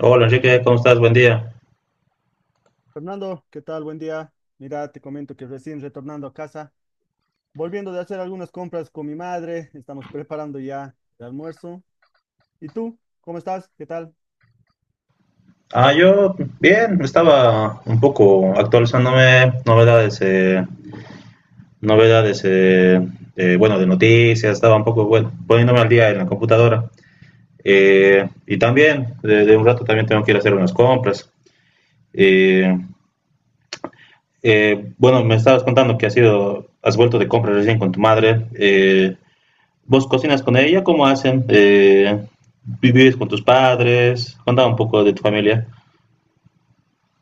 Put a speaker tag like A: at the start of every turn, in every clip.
A: Hola Enrique, ¿cómo estás? Buen día.
B: Fernando, ¿qué tal? Buen día. Mira, te comento que recién retornando a casa, volviendo de hacer algunas compras con mi madre, estamos preparando ya el almuerzo. ¿Y tú? ¿Cómo estás? ¿Qué tal?
A: Yo bien, estaba un poco actualizándome novedades, novedades, bueno, de noticias, estaba un poco, bueno, poniéndome al día en la computadora. Y también, de un rato también tengo que ir a hacer unas compras. Eh, bueno, me estabas contando que has ido, has vuelto de compras recién con tu madre. ¿Vos cocinas con ella? ¿Cómo hacen? ¿Vivís con tus padres? Contaba un poco de tu familia.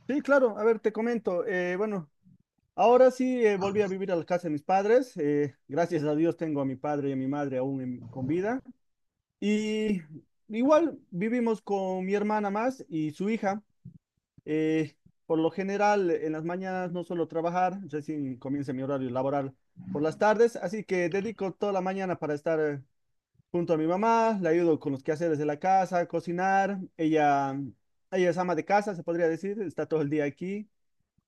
B: Sí, claro, a ver, te comento. Bueno, ahora sí volví a vivir a la casa de mis padres. Gracias a Dios tengo a mi padre y a mi madre aún con vida. Y igual vivimos con mi hermana más y su hija. Eh, por lo general, en las mañanas no suelo trabajar, recién comienza mi horario laboral por las tardes, así que dedico toda la mañana para estar junto a mi mamá, la ayudo con los quehaceres de la casa, cocinar, ella es ama de casa, se podría decir, está todo el día aquí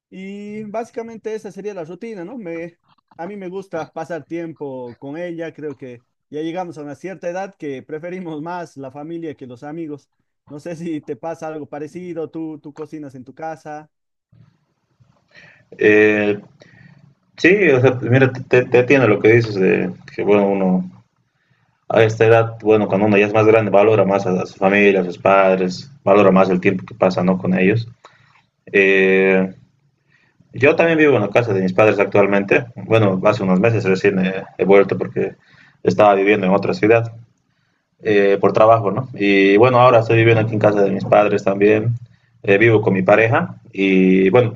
B: y básicamente esa sería la rutina, ¿no? A mí me gusta pasar tiempo con ella, creo que ya llegamos a una cierta edad que preferimos más la familia que los amigos. No sé si te pasa algo parecido, tú cocinas en tu casa.
A: Eh, Sí, o sea, mira, te atiendo lo que dices de que, bueno, uno a esta edad, bueno, cuando uno ya es más grande, valora más a su familia, a sus padres, valora más el tiempo que pasa, ¿no? Con ellos. Eh, yo también vivo en la casa de mis padres actualmente. Bueno, hace unos meses recién he vuelto porque estaba viviendo en otra ciudad por trabajo, ¿no? Y bueno, ahora estoy viviendo aquí en casa de mis padres también. Vivo con mi pareja y bueno,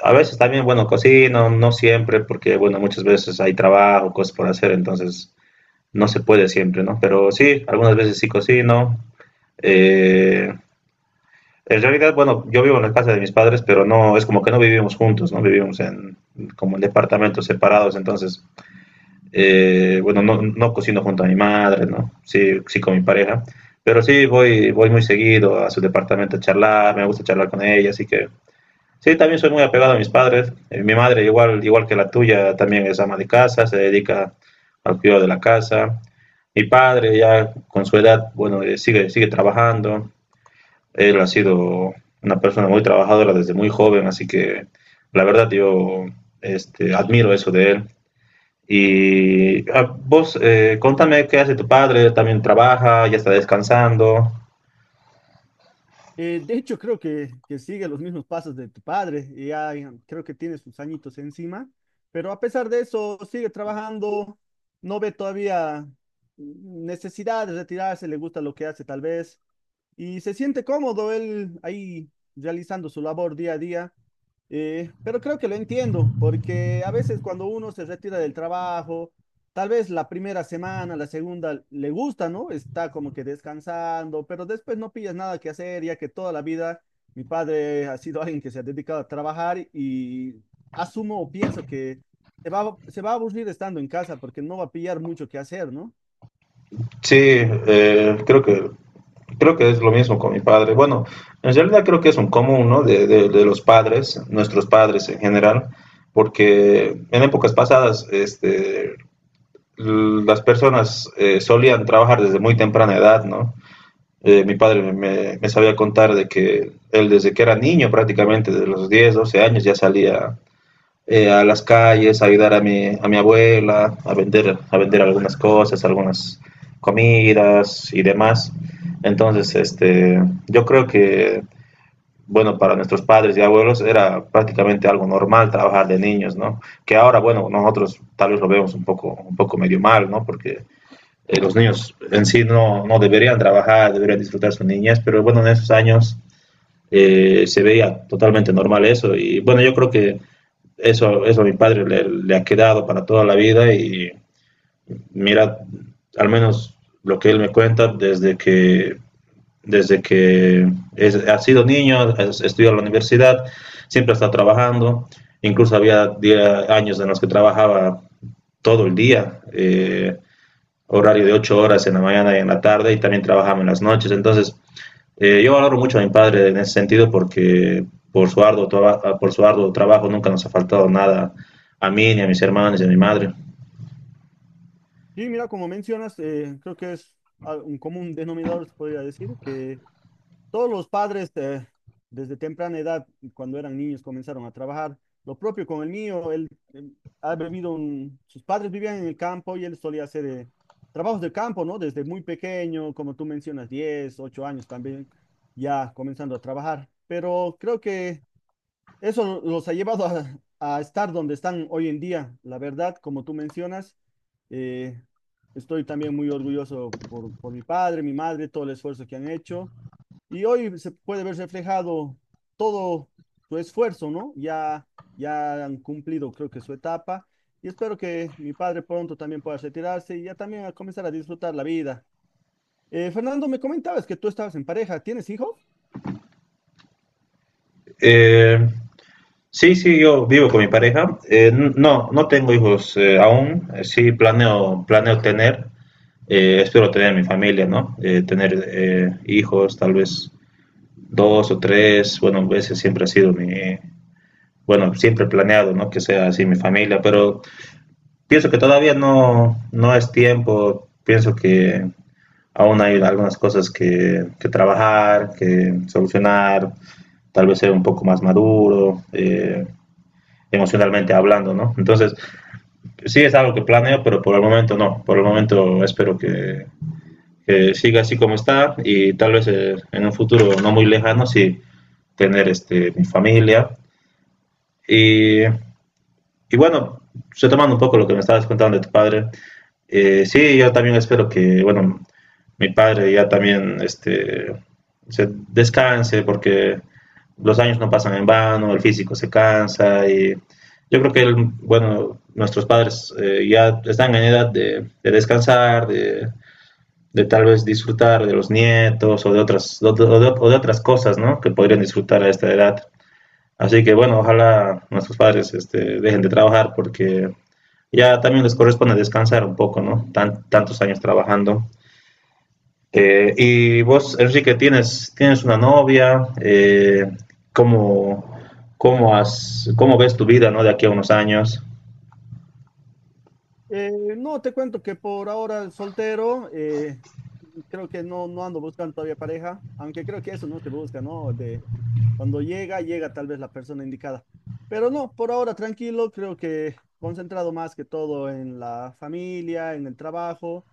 A: a veces también, bueno, cocino, no siempre, porque, bueno, muchas veces hay trabajo, cosas por hacer, entonces no se puede siempre, ¿no? Pero sí, algunas veces sí cocino. Eh, en realidad, bueno, yo vivo en la casa de mis padres, pero no, es como que no vivimos juntos, ¿no? Vivimos en, como en departamentos separados, entonces, bueno, no, no cocino junto a mi madre, ¿no? Sí, sí con mi pareja, pero sí voy, voy muy seguido a su departamento a charlar, me gusta charlar con ella, así que sí, también soy muy apegado a mis padres. Mi madre, igual, igual que la tuya, también es ama de casa, se dedica al cuidado de la casa. Mi padre, ya con su edad, bueno, sigue, sigue trabajando. Él ha sido una persona muy trabajadora desde muy joven, así que la verdad yo este, admiro eso de él. Y vos, contame qué hace tu padre, también trabaja, ya está descansando.
B: De hecho, que sigue los mismos pasos de tu padre, y ya creo que tiene sus añitos encima, pero a pesar de eso, sigue trabajando, no ve todavía necesidad de retirarse, le gusta lo que hace tal vez, y se siente cómodo él ahí realizando su labor día a día. Pero creo que lo entiendo, porque a veces cuando uno se retira del trabajo, tal vez la primera semana, la segunda, le gusta, ¿no? Está como que descansando, pero después no pillas nada que hacer, ya que toda la vida mi padre ha sido alguien que se ha dedicado a trabajar y asumo o pienso que se va a aburrir estando en casa porque no va a pillar mucho que hacer, ¿no?
A: Sí, creo que creo que es lo mismo con mi padre. Bueno, en realidad creo que es un común, ¿no? De los padres, nuestros padres en general, porque en épocas pasadas, este, las personas solían trabajar desde muy temprana edad, ¿no? Mi padre me sabía contar de que él desde que era niño, prácticamente de los 10 12 años, ya salía a las calles, a ayudar a mi abuela, a vender algunas cosas, algunas comidas y demás. Entonces, este, yo creo que, bueno, para nuestros padres y abuelos era prácticamente algo normal trabajar de niños, ¿no? Que ahora, bueno, nosotros tal vez lo vemos un poco medio mal, ¿no? Porque los niños en sí no, no deberían trabajar, deberían disfrutar su niñez, pero bueno, en esos años se veía totalmente normal eso. Y bueno, yo creo que eso a mi padre ha quedado para toda la vida y mira, al menos lo que él me cuenta desde que es, ha sido niño, es, estudió en la universidad, siempre está trabajando, incluso había 10 años en los que trabajaba todo el día, horario de 8 horas en la mañana y en la tarde y también trabajaba en las noches, entonces yo valoro mucho a mi padre en ese sentido porque por su arduo, por su arduo trabajo nunca nos ha faltado nada a mí, ni a mis hermanos, ni a mi madre.
B: Sí, mira, como mencionas, creo que es un común denominador, se podría decir, que todos los padres desde temprana edad, cuando eran niños, comenzaron a trabajar. Lo propio con el mío, él eh, ha vivido, sus padres vivían en el campo y él solía hacer trabajos de campo, ¿no? Desde muy pequeño, como tú mencionas, 10, 8 años también, ya comenzando a trabajar. Pero creo que… Eso no, los ha llevado a estar donde están hoy en día. La verdad, como tú mencionas, eh, estoy también muy orgulloso por mi padre, mi madre, todo el esfuerzo que han hecho. Y hoy se puede ver reflejado todo su esfuerzo, ¿no? Ya, ya han cumplido, creo que su etapa. Y espero que mi padre pronto también pueda retirarse y ya también a comenzar a disfrutar la vida. Fernando, me comentabas que tú estabas en pareja. ¿Tienes hijos?
A: Eh, sí, sí, yo vivo con mi pareja. No, no tengo hijos aún. Sí, planeo, planeo tener. Espero tener mi familia, ¿no? Tener hijos, tal vez dos o tres. Bueno, ese siempre ha sido mi, bueno, siempre he planeado, ¿no? Que sea así mi familia, pero pienso que todavía no, no es tiempo, pienso que aún hay algunas cosas que trabajar, que solucionar, tal vez ser un poco más maduro, emocionalmente hablando, ¿no? Entonces, sí es algo que planeo, pero por el momento no, por el momento espero que siga así como está y tal vez en un futuro no muy lejano sí tener este, mi familia y Y bueno, retomando un poco lo que me estabas contando de tu padre, sí, yo también espero que, bueno, mi padre ya también este, se descanse porque los años no pasan en vano, el físico se cansa y yo creo que, él, bueno, nuestros padres ya están en edad de descansar, de tal vez disfrutar de los nietos o de otras cosas, ¿no? Que podrían disfrutar a esta edad. Así que bueno, ojalá nuestros padres este, dejen de trabajar porque ya también les corresponde descansar un poco, ¿no? Tan, tantos años trabajando. Y vos, Enrique, tienes, tienes una novia, ¿cómo, cómo, has, ¿cómo ves tu vida, ¿no? De aquí a unos años.
B: No, te cuento que por ahora soltero, creo que no ando buscando todavía pareja, aunque creo que eso no se busca, ¿no? De cuando llega, llega tal vez la persona indicada. Pero no, por ahora tranquilo, creo que concentrado más que todo en la familia, en el trabajo.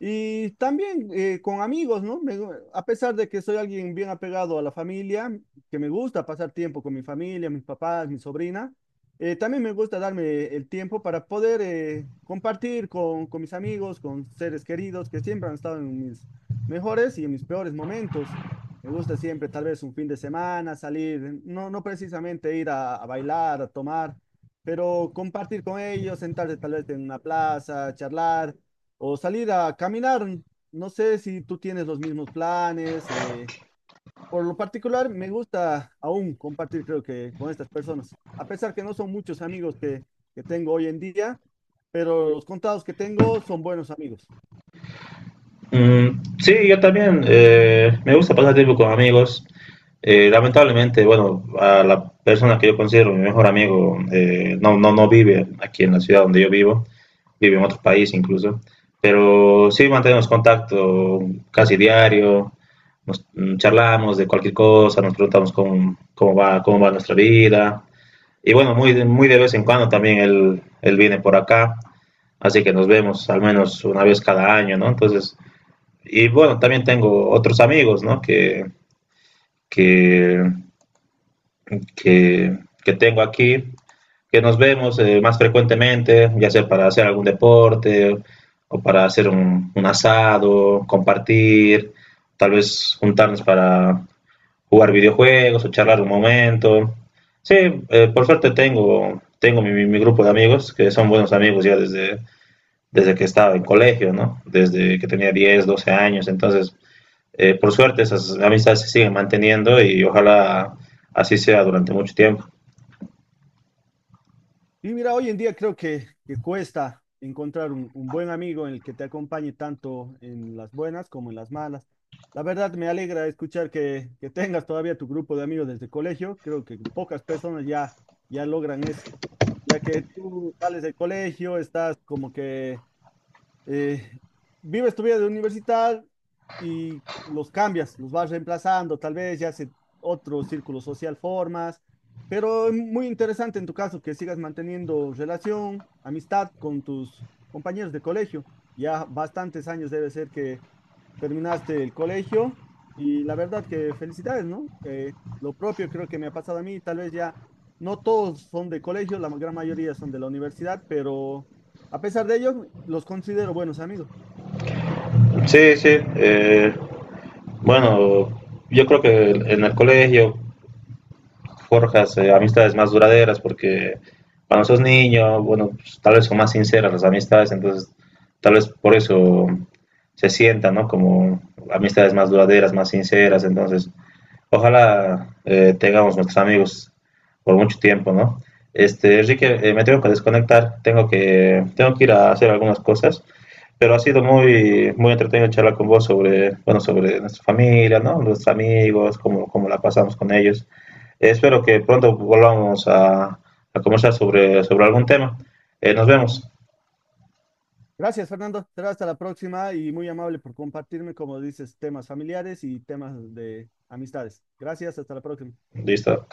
B: Y también con amigos, ¿no? A pesar de que soy alguien bien apegado a la familia, que me gusta pasar tiempo con mi familia, mis papás, mi sobrina, también me gusta darme el tiempo para poder compartir con mis amigos, con seres queridos que siempre han estado en mis mejores y en mis peores momentos. Me gusta siempre, tal vez un fin de semana, salir, no precisamente ir a bailar, a tomar, pero compartir con ellos, sentarse tal vez en una plaza, charlar o salir a caminar. No sé si tú tienes los mismos planes. Por lo particular, me gusta aún compartir, creo que, con estas personas. A pesar que no son muchos amigos que tengo hoy en día, pero los contados que tengo son buenos amigos.
A: Mm, sí, yo también me gusta pasar tiempo con amigos. Lamentablemente, bueno, a la persona que yo considero mi mejor amigo no, no, no vive aquí en la ciudad donde yo vivo. Vive en otro país incluso. Pero sí mantenemos contacto casi diario, charlamos de cualquier cosa, nos preguntamos cómo, cómo va nuestra vida. Y bueno, muy, muy de vez en cuando también él viene por acá, así que nos vemos al menos una vez cada año, ¿no? Entonces, y bueno, también tengo otros amigos, ¿no? Que, que tengo aquí, que nos vemos más frecuentemente, ya sea para hacer algún deporte o para hacer un asado, compartir, tal vez juntarnos para jugar videojuegos o charlar un momento. Sí, por suerte tengo, tengo grupo de amigos, que son buenos amigos ya desde, desde que estaba en colegio, ¿no? Desde que tenía 10 12 años. Entonces, por suerte esas amistades se siguen manteniendo y ojalá así sea durante mucho tiempo.
B: Y mira, hoy en día creo que cuesta encontrar un buen amigo en el que te acompañe tanto en las buenas como en las malas. La verdad, me alegra escuchar que tengas todavía tu grupo de amigos desde el colegio. Creo que pocas personas ya logran eso. Ya que tú sales del colegio, estás como que eh, vives tu vida de universidad y los cambias, los vas reemplazando, tal vez ya se otro círculo social formas, pero es muy interesante en tu caso que sigas manteniendo relación, amistad con tus compañeros de colegio. Ya bastantes años debe ser que terminaste el colegio y la verdad que felicidades, ¿no? Lo propio creo que me ha pasado a mí, tal vez ya no todos son de colegio, la gran mayoría son de la universidad, pero a pesar de ello, los considero buenos amigos.
A: Sí, sí. Bueno, yo creo que en el colegio forjas amistades más duraderas porque cuando sos niño, bueno, pues, tal vez son más sinceras las amistades, entonces tal vez por eso se sientan, ¿no? Como amistades más duraderas, más sinceras, entonces ojalá tengamos nuestros amigos por mucho tiempo, ¿no? Este, Enrique, me tengo que desconectar, tengo que ir a hacer algunas cosas, pero ha sido muy, muy entretenido charlar con vos sobre, bueno, sobre nuestra familia, ¿no? Nuestros amigos, cómo, cómo la pasamos con ellos. Espero que pronto volvamos a conversar sobre, sobre algún tema. Nos vemos.
B: Gracias, Fernando. Será hasta la próxima y muy amable por compartirme, como dices, temas familiares y temas de amistades. Gracias, hasta la próxima.
A: Listo.